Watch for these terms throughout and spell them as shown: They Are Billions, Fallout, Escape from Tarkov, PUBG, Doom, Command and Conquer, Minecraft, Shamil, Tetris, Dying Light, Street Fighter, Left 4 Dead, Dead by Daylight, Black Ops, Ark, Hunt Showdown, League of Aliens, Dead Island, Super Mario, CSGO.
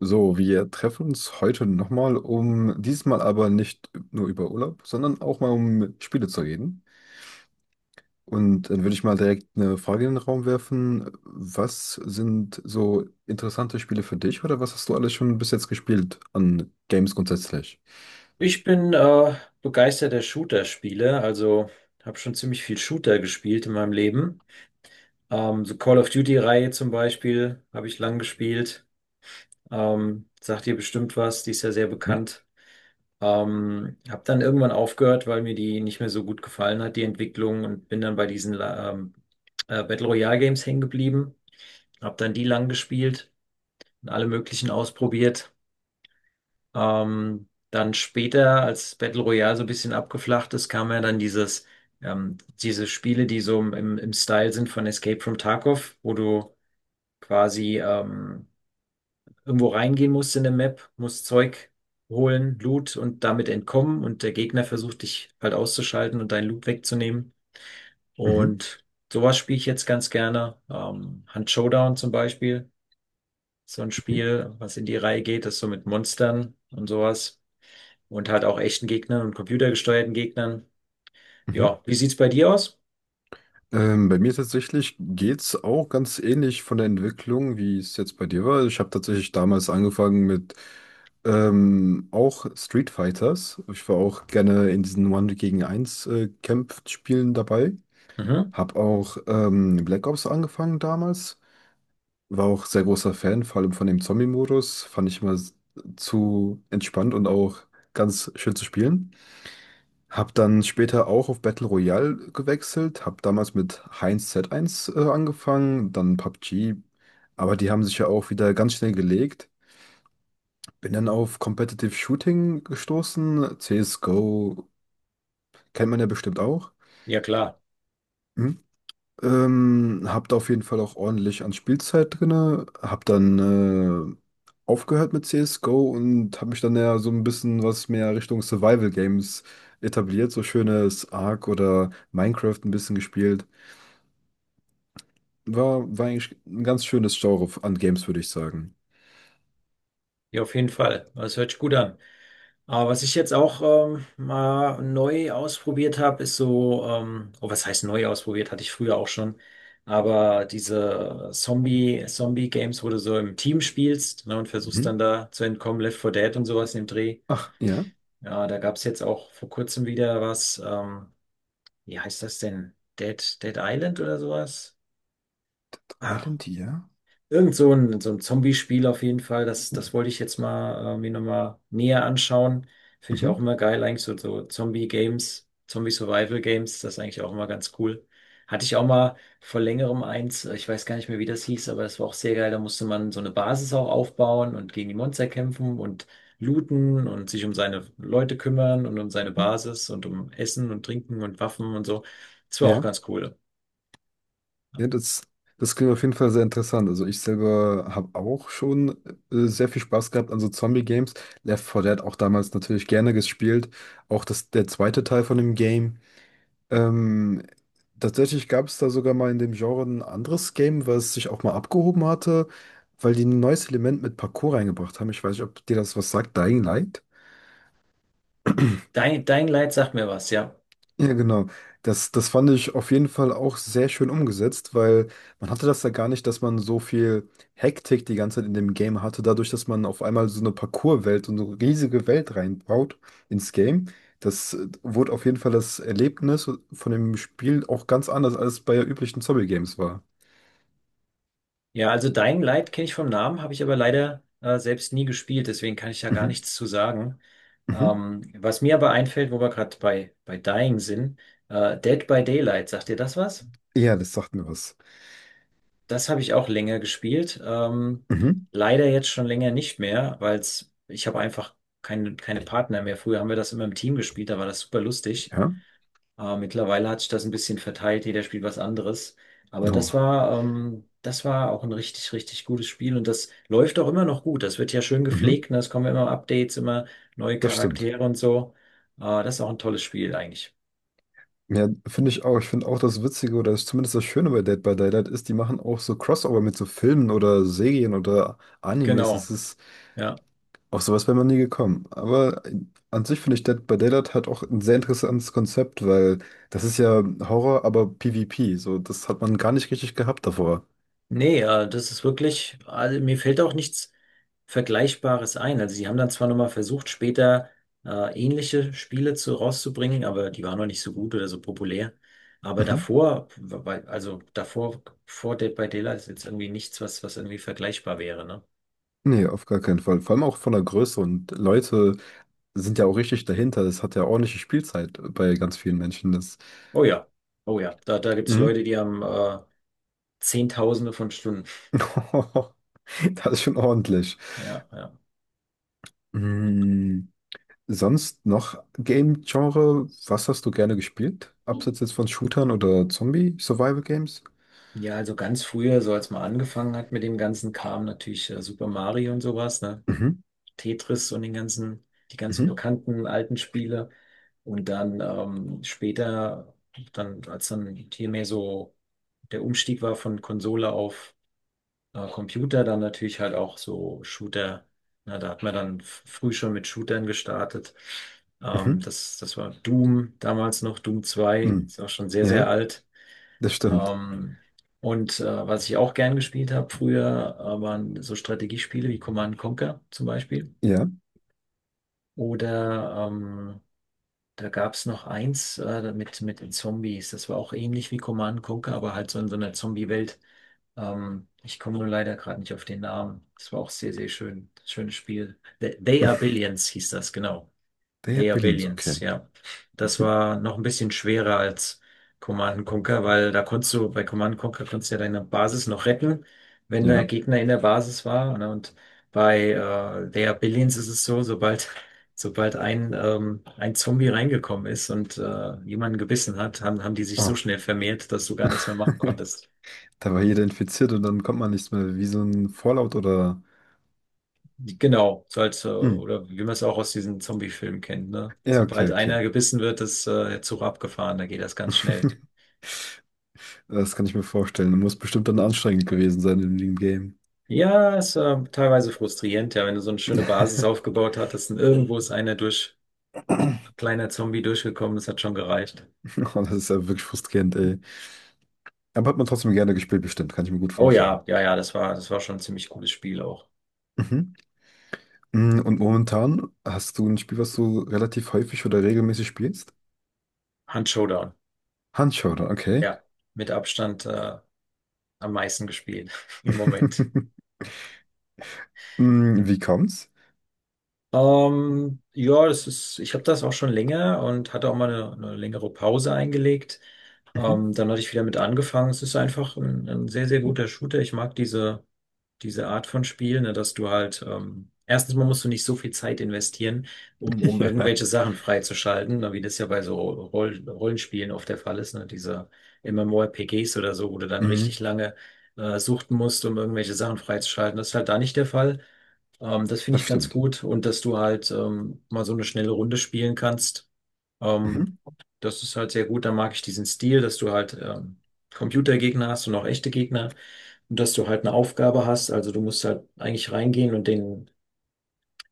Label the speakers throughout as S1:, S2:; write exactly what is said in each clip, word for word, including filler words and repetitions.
S1: So, wir treffen uns heute nochmal, um diesmal aber nicht nur über Urlaub, sondern auch mal um Spiele zu reden. Und dann würde ich mal direkt eine Frage in den Raum werfen. Was sind so interessante Spiele für dich oder was hast du alles schon bis jetzt gespielt an Games grundsätzlich?
S2: Ich bin äh, begeisterter Shooter-Spieler, also habe schon ziemlich viel Shooter gespielt in meinem Leben. Ähm, so Call of Duty-Reihe zum Beispiel habe ich lang gespielt. Ähm, sagt ihr bestimmt was, die ist ja sehr
S1: Mhm.
S2: bekannt. Ähm, habe dann irgendwann aufgehört, weil mir die nicht mehr so gut gefallen hat, die Entwicklung, und bin dann bei diesen La- ähm, äh, Battle Royale Games hängen geblieben. Habe dann die lang gespielt und alle möglichen ausprobiert. Ähm, dann später, als Battle Royale so ein bisschen abgeflacht ist, kam ja dann dieses, ähm, diese Spiele, die so im, im Style sind von Escape from Tarkov, wo du quasi ähm, irgendwo reingehen musst in der Map, musst Zeug holen, Loot und damit entkommen, und der Gegner versucht dich halt auszuschalten und deinen Loot wegzunehmen.
S1: Mhm.
S2: Und sowas spiele ich jetzt ganz gerne. Ähm, Hunt Showdown zum Beispiel, so ein Spiel, was in die Reihe geht, das so mit Monstern und sowas, und halt auch echten Gegnern und computergesteuerten Gegnern.
S1: Mhm.
S2: Ja, wie sieht's bei dir aus?
S1: Ähm, bei mir tatsächlich geht's auch ganz ähnlich von der Entwicklung, wie es jetzt bei dir war. Ich habe tatsächlich damals angefangen mit ähm, auch Street Fighters. Ich war auch gerne in diesen One gegen Eins äh, Kampfspielen dabei.
S2: Mhm.
S1: Hab auch ähm, Black Ops angefangen damals. War auch sehr großer Fan, vor allem von dem Zombie-Modus. Fand ich immer s- Zu entspannt und auch ganz schön zu spielen. Hab dann später auch auf Battle Royale gewechselt, hab damals mit Heinz z eins äh, angefangen, dann P U B G, aber die haben sich ja auch wieder ganz schnell gelegt. Bin dann auf Competitive Shooting gestoßen, C S G O kennt man ja bestimmt auch.
S2: Ja, klar.
S1: Hm? Ähm, hab da auf jeden Fall auch ordentlich an Spielzeit drinne, hab dann äh, aufgehört mit C S G O und hab mich dann ja so ein bisschen was mehr Richtung Survival Games etabliert, so schönes Ark oder Minecraft ein bisschen gespielt. War, war eigentlich ein ganz schönes Genre an Games, würde ich sagen.
S2: Ja, auf jeden Fall. Das hört sich gut an. Aber was ich jetzt auch ähm, mal neu ausprobiert habe, ist so, ähm, oh, was heißt neu ausprobiert? Hatte ich früher auch schon. Aber diese Zombie, Zombie-Games, wo du so im Team spielst, ne, und versuchst dann
S1: Mhm.
S2: da zu entkommen, Left four Dead und sowas im Dreh.
S1: Ach, ja.
S2: Ja, da gab's jetzt auch vor kurzem wieder was, ähm, wie heißt das denn? Dead, Dead Island oder sowas?
S1: Dead
S2: Ah,
S1: Island, ja.
S2: irgend so ein, so ein Zombie-Spiel auf jeden Fall. Das, das wollte ich jetzt mal äh, mir nochmal näher anschauen. Finde ich auch
S1: Mhm.
S2: immer geil, eigentlich so, so Zombie-Games, Zombie-Survival-Games, das ist eigentlich auch immer ganz cool. Hatte ich auch mal vor längerem eins, äh, ich weiß gar nicht mehr, wie das hieß, aber das war auch sehr geil. Da musste man so eine Basis auch aufbauen und gegen die Monster kämpfen und looten und sich um seine Leute kümmern und um seine
S1: Mhm.
S2: Basis und um Essen und Trinken und Waffen und so. Das war auch
S1: Ja,
S2: ganz cool.
S1: ja, das, das klingt auf jeden Fall sehr interessant. Also ich selber habe auch schon äh, sehr viel Spaß gehabt an so Zombie-Games. Left four Dead auch damals natürlich gerne gespielt. Auch das, der zweite Teil von dem Game. Ähm, tatsächlich gab es da sogar mal in dem Genre ein anderes Game, was sich auch mal abgehoben hatte, weil die ein neues Element mit Parkour reingebracht haben. Ich weiß nicht, ob dir das was sagt, Dying Light.
S2: Dein, dein Leid sagt mir was, ja.
S1: Ja, genau. Das, das fand ich auf jeden Fall auch sehr schön umgesetzt, weil man hatte das ja gar nicht, dass man so viel Hektik die ganze Zeit in dem Game hatte, dadurch, dass man auf einmal so eine Parkour-Welt und so eine riesige Welt reinbaut ins Game. Das äh, wurde auf jeden Fall das Erlebnis von dem Spiel auch ganz anders, als es bei üblichen Zombie-Games war.
S2: Ja, also Dying Light kenne ich vom Namen, habe ich aber leider äh, selbst nie gespielt, deswegen kann ich ja gar
S1: Mhm.
S2: nichts zu sagen.
S1: Mhm.
S2: Ähm, was mir aber einfällt, wo wir gerade bei, bei Dying sind, äh, Dead by Daylight, sagt ihr das was?
S1: Ja, das sagt mir was.
S2: Das habe ich auch länger gespielt. Ähm,
S1: Mhm.
S2: leider jetzt schon länger nicht mehr, weil ich habe einfach keine, keine Partner mehr. Früher haben wir das immer im Team gespielt, da war das super lustig.
S1: Ja.
S2: Äh, mittlerweile hat sich das ein bisschen verteilt, jeder spielt was anderes. Aber das
S1: Oh.
S2: war, ähm, das war auch ein richtig, richtig gutes Spiel, und das läuft auch immer noch gut. Das wird ja schön
S1: Mhm.
S2: gepflegt, ne? Es kommen immer Updates, immer neue
S1: Das stimmt.
S2: Charaktere und so. Äh, das ist auch ein tolles Spiel eigentlich.
S1: Ja, finde ich auch. Ich finde auch das Witzige oder ist zumindest das Schöne bei Dead by Daylight ist, die machen auch so Crossover mit so Filmen oder Serien oder Animes.
S2: Genau,
S1: Es ist
S2: ja.
S1: auch sowas wäre man nie gekommen. Aber an sich finde ich Dead by Daylight hat auch ein sehr interessantes Konzept, weil das ist ja Horror, aber PvP. So, das hat man gar nicht richtig gehabt davor.
S2: Nee, äh, das ist wirklich, also mir fällt auch nichts Vergleichbares ein. Also sie haben dann zwar nochmal versucht, später äh, ähnliche Spiele zu, rauszubringen, aber die waren noch nicht so gut oder so populär. Aber
S1: Mhm.
S2: davor, bei- also davor, vor Dead by Daylight ist jetzt irgendwie nichts, was, was irgendwie vergleichbar wäre, ne?
S1: Nee, auf gar keinen Fall. Vor allem auch von der Größe und Leute sind ja auch richtig dahinter. Das hat ja ordentliche Spielzeit bei ganz vielen Menschen. Das,
S2: Oh ja, oh ja, da, da gibt's
S1: mhm.
S2: Leute, die haben äh, Zehntausende von Stunden.
S1: Das ist schon ordentlich.
S2: Ja, ja.
S1: Hm, sonst noch Game-Genre? Was hast du gerne gespielt? Abseits jetzt von Shootern oder Zombie-Survival-Games?
S2: Ja, also ganz früher, so als man angefangen hat mit dem ganzen Kram, natürlich äh, Super Mario und sowas, ne?
S1: Mhm,
S2: Tetris und den ganzen, die ganzen
S1: mhm,
S2: bekannten alten Spiele. Und dann ähm, später, dann, als dann hier mehr so der Umstieg war von Konsole auf äh, Computer, dann natürlich halt auch so Shooter. Na, da hat man dann f- früh schon mit Shootern gestartet. Ähm,
S1: mhm,
S2: das, das war Doom, damals noch Doom zwei,
S1: mhm.
S2: ist auch schon sehr,
S1: Ja,
S2: sehr alt.
S1: das stimmt.
S2: Ähm, und äh, was ich auch gern gespielt habe früher, äh, waren so Strategiespiele wie Command and Conquer zum Beispiel.
S1: Ja,
S2: Oder ähm, da gab es noch eins äh, mit, mit den Zombies. Das war auch ähnlich wie Command Conquer, aber halt so in so einer Zombie-Welt. Ähm, ich komme nur leider gerade nicht auf den Namen. Das war auch sehr, sehr schön. Schönes Spiel. They, They Are Billions hieß das, genau.
S1: der
S2: League of
S1: Billions,
S2: Aliens,
S1: okay.
S2: ja. Das
S1: Mhm.
S2: war noch ein bisschen schwerer als Command and Conquer, weil da konntest du, bei Command and Conquer konntest du ja deine Basis noch retten, wenn der
S1: Ja,
S2: Gegner in der Basis war. Ne? Und bei äh, League of Aliens ist es so, sobald, sobald ein, ähm, ein Zombie reingekommen ist und äh, jemanden gebissen hat, haben, haben die sich so
S1: oh.
S2: schnell vermehrt, dass du gar nichts mehr machen konntest.
S1: Da war jeder infiziert und dann kommt man nichts mehr, wie so ein Fallout oder...
S2: Genau, so als, äh,
S1: Hm.
S2: oder wie man es auch aus diesen Zombie-Filmen kennt, ne?
S1: Ja, okay,
S2: Sobald
S1: okay.
S2: einer gebissen wird, ist äh, der Zug abgefahren, da geht das ganz schnell.
S1: Das kann ich mir vorstellen. Muss bestimmt dann anstrengend gewesen sein in dem Game.
S2: Ja, es war teilweise frustrierend, ja, wenn du so eine schöne Basis aufgebaut hattest und irgendwo ist einer durch, ein kleiner Zombie durchgekommen, das hat schon gereicht.
S1: Oh, das ist ja wirklich frustrierend, ey. Aber hat man trotzdem gerne gespielt, bestimmt. Kann ich mir gut
S2: Oh ja,
S1: vorstellen.
S2: ja, ja, das war, das war schon ein ziemlich cooles Spiel auch.
S1: Mhm. Mm, und momentan hast du ein Spiel, was du relativ häufig oder regelmäßig spielst?
S2: Hand Showdown,
S1: Handschauder, okay.
S2: ja, mit Abstand äh, am meisten gespielt im Moment.
S1: Mm, wie kommt's?
S2: Ähm, ja, das ist, ich habe das auch schon länger und hatte auch mal eine, eine längere Pause eingelegt.
S1: Mhm.
S2: Ähm, dann hatte ich wieder mit angefangen. Es ist einfach ein, ein sehr, sehr guter Shooter. Ich mag diese diese Art von Spiel, ne, dass du halt, ähm, erstens mal musst du nicht so viel Zeit investieren, um, um
S1: Ja.
S2: irgendwelche Sachen freizuschalten, ne, wie das ja bei so Roll Rollenspielen oft der Fall ist, ne, diese MMORPGs oder so, wo du dann
S1: Mhm.
S2: richtig lange äh, suchten musst, um irgendwelche Sachen freizuschalten. Das ist halt da nicht der Fall. Ähm, das finde
S1: Das
S2: ich ganz
S1: stimmt.
S2: gut, und dass du halt ähm, mal so eine schnelle Runde spielen kannst.
S1: Mhm.
S2: Ähm, das ist halt sehr gut. Da mag ich diesen Stil, dass du halt ähm, Computergegner hast und auch echte Gegner, und dass du halt eine Aufgabe hast. Also du musst halt eigentlich reingehen und den,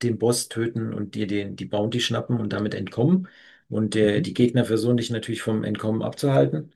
S2: den Boss töten und dir den, die Bounty schnappen und damit entkommen. Und der, die
S1: Mhm.
S2: Gegner versuchen dich natürlich vom Entkommen abzuhalten.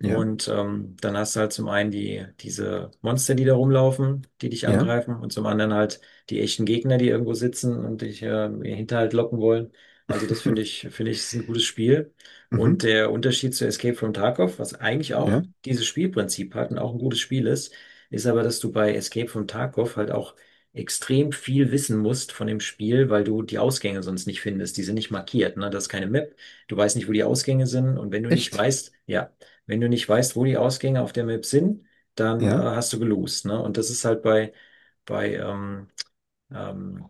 S1: Ja.
S2: Und ähm, dann hast du halt zum einen die, diese Monster, die da rumlaufen, die dich
S1: Ja.
S2: angreifen, und zum anderen halt die echten Gegner, die irgendwo sitzen und dich äh, in den Hinterhalt locken wollen. Also das finde ich, finde ich, ist ein gutes Spiel. Und
S1: Mhm.
S2: der Unterschied zu Escape from Tarkov, was eigentlich auch
S1: Ja.
S2: dieses Spielprinzip hat und auch ein gutes Spiel ist, ist aber, dass du bei Escape from Tarkov halt auch extrem viel wissen musst von dem Spiel, weil du die Ausgänge sonst nicht findest. Die sind nicht markiert, ne? Das ist keine Map. Du weißt nicht, wo die Ausgänge sind. Und wenn du nicht
S1: Echt?
S2: weißt, ja, wenn du nicht weißt, wo die Ausgänge auf der Map sind, dann äh,
S1: Ja.
S2: hast du gelost, ne? Und das ist halt bei, bei ähm, ähm,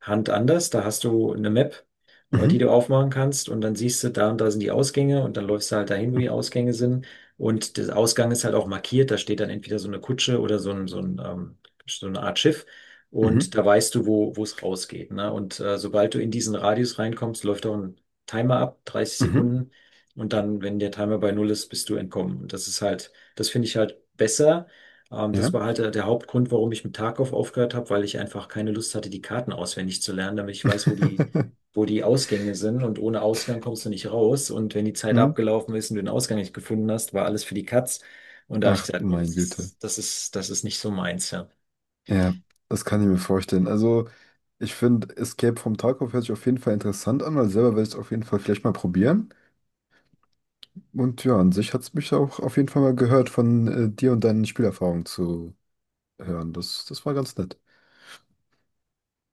S2: Hand anders. Da hast du eine Map, äh, die
S1: Mhm.
S2: du aufmachen kannst, und dann siehst du, da und da sind die Ausgänge, und dann läufst du halt dahin, wo die Ausgänge sind. Und der Ausgang ist halt auch markiert. Da steht dann entweder so eine Kutsche oder so ein, so ein, ähm, so eine Art Schiff. Und
S1: Mhm.
S2: da weißt du, wo, wo es rausgeht. Ne? Und äh, sobald du in diesen Radius reinkommst, läuft auch ein Timer ab, dreißig
S1: Mhm.
S2: Sekunden. Und dann, wenn der Timer bei null ist, bist du entkommen. Und das ist halt, das finde ich halt besser, ähm, das
S1: Ja.
S2: war halt äh, der Hauptgrund, warum ich mit Tarkov aufgehört habe, weil ich einfach keine Lust hatte, die Karten auswendig zu lernen, damit ich weiß, wo die, wo die Ausgänge sind. Und ohne Ausgang kommst du nicht raus. Und wenn die Zeit
S1: Mhm.
S2: abgelaufen ist und du den Ausgang nicht gefunden hast, war alles für die Katz. Und da habe ich
S1: Ach, du
S2: gesagt, nee,
S1: meine
S2: das
S1: Güte.
S2: ist, das ist, das ist nicht so meins, ja.
S1: Ja, das kann ich mir vorstellen. Also, ich finde, Escape from Tarkov hört sich auf jeden Fall interessant an, weil selber werde ich es auf jeden Fall vielleicht mal probieren. Und ja, an sich hat es mich auch auf jeden Fall mal gehört, von äh, dir und deinen Spielerfahrungen zu hören. Das, das war ganz nett.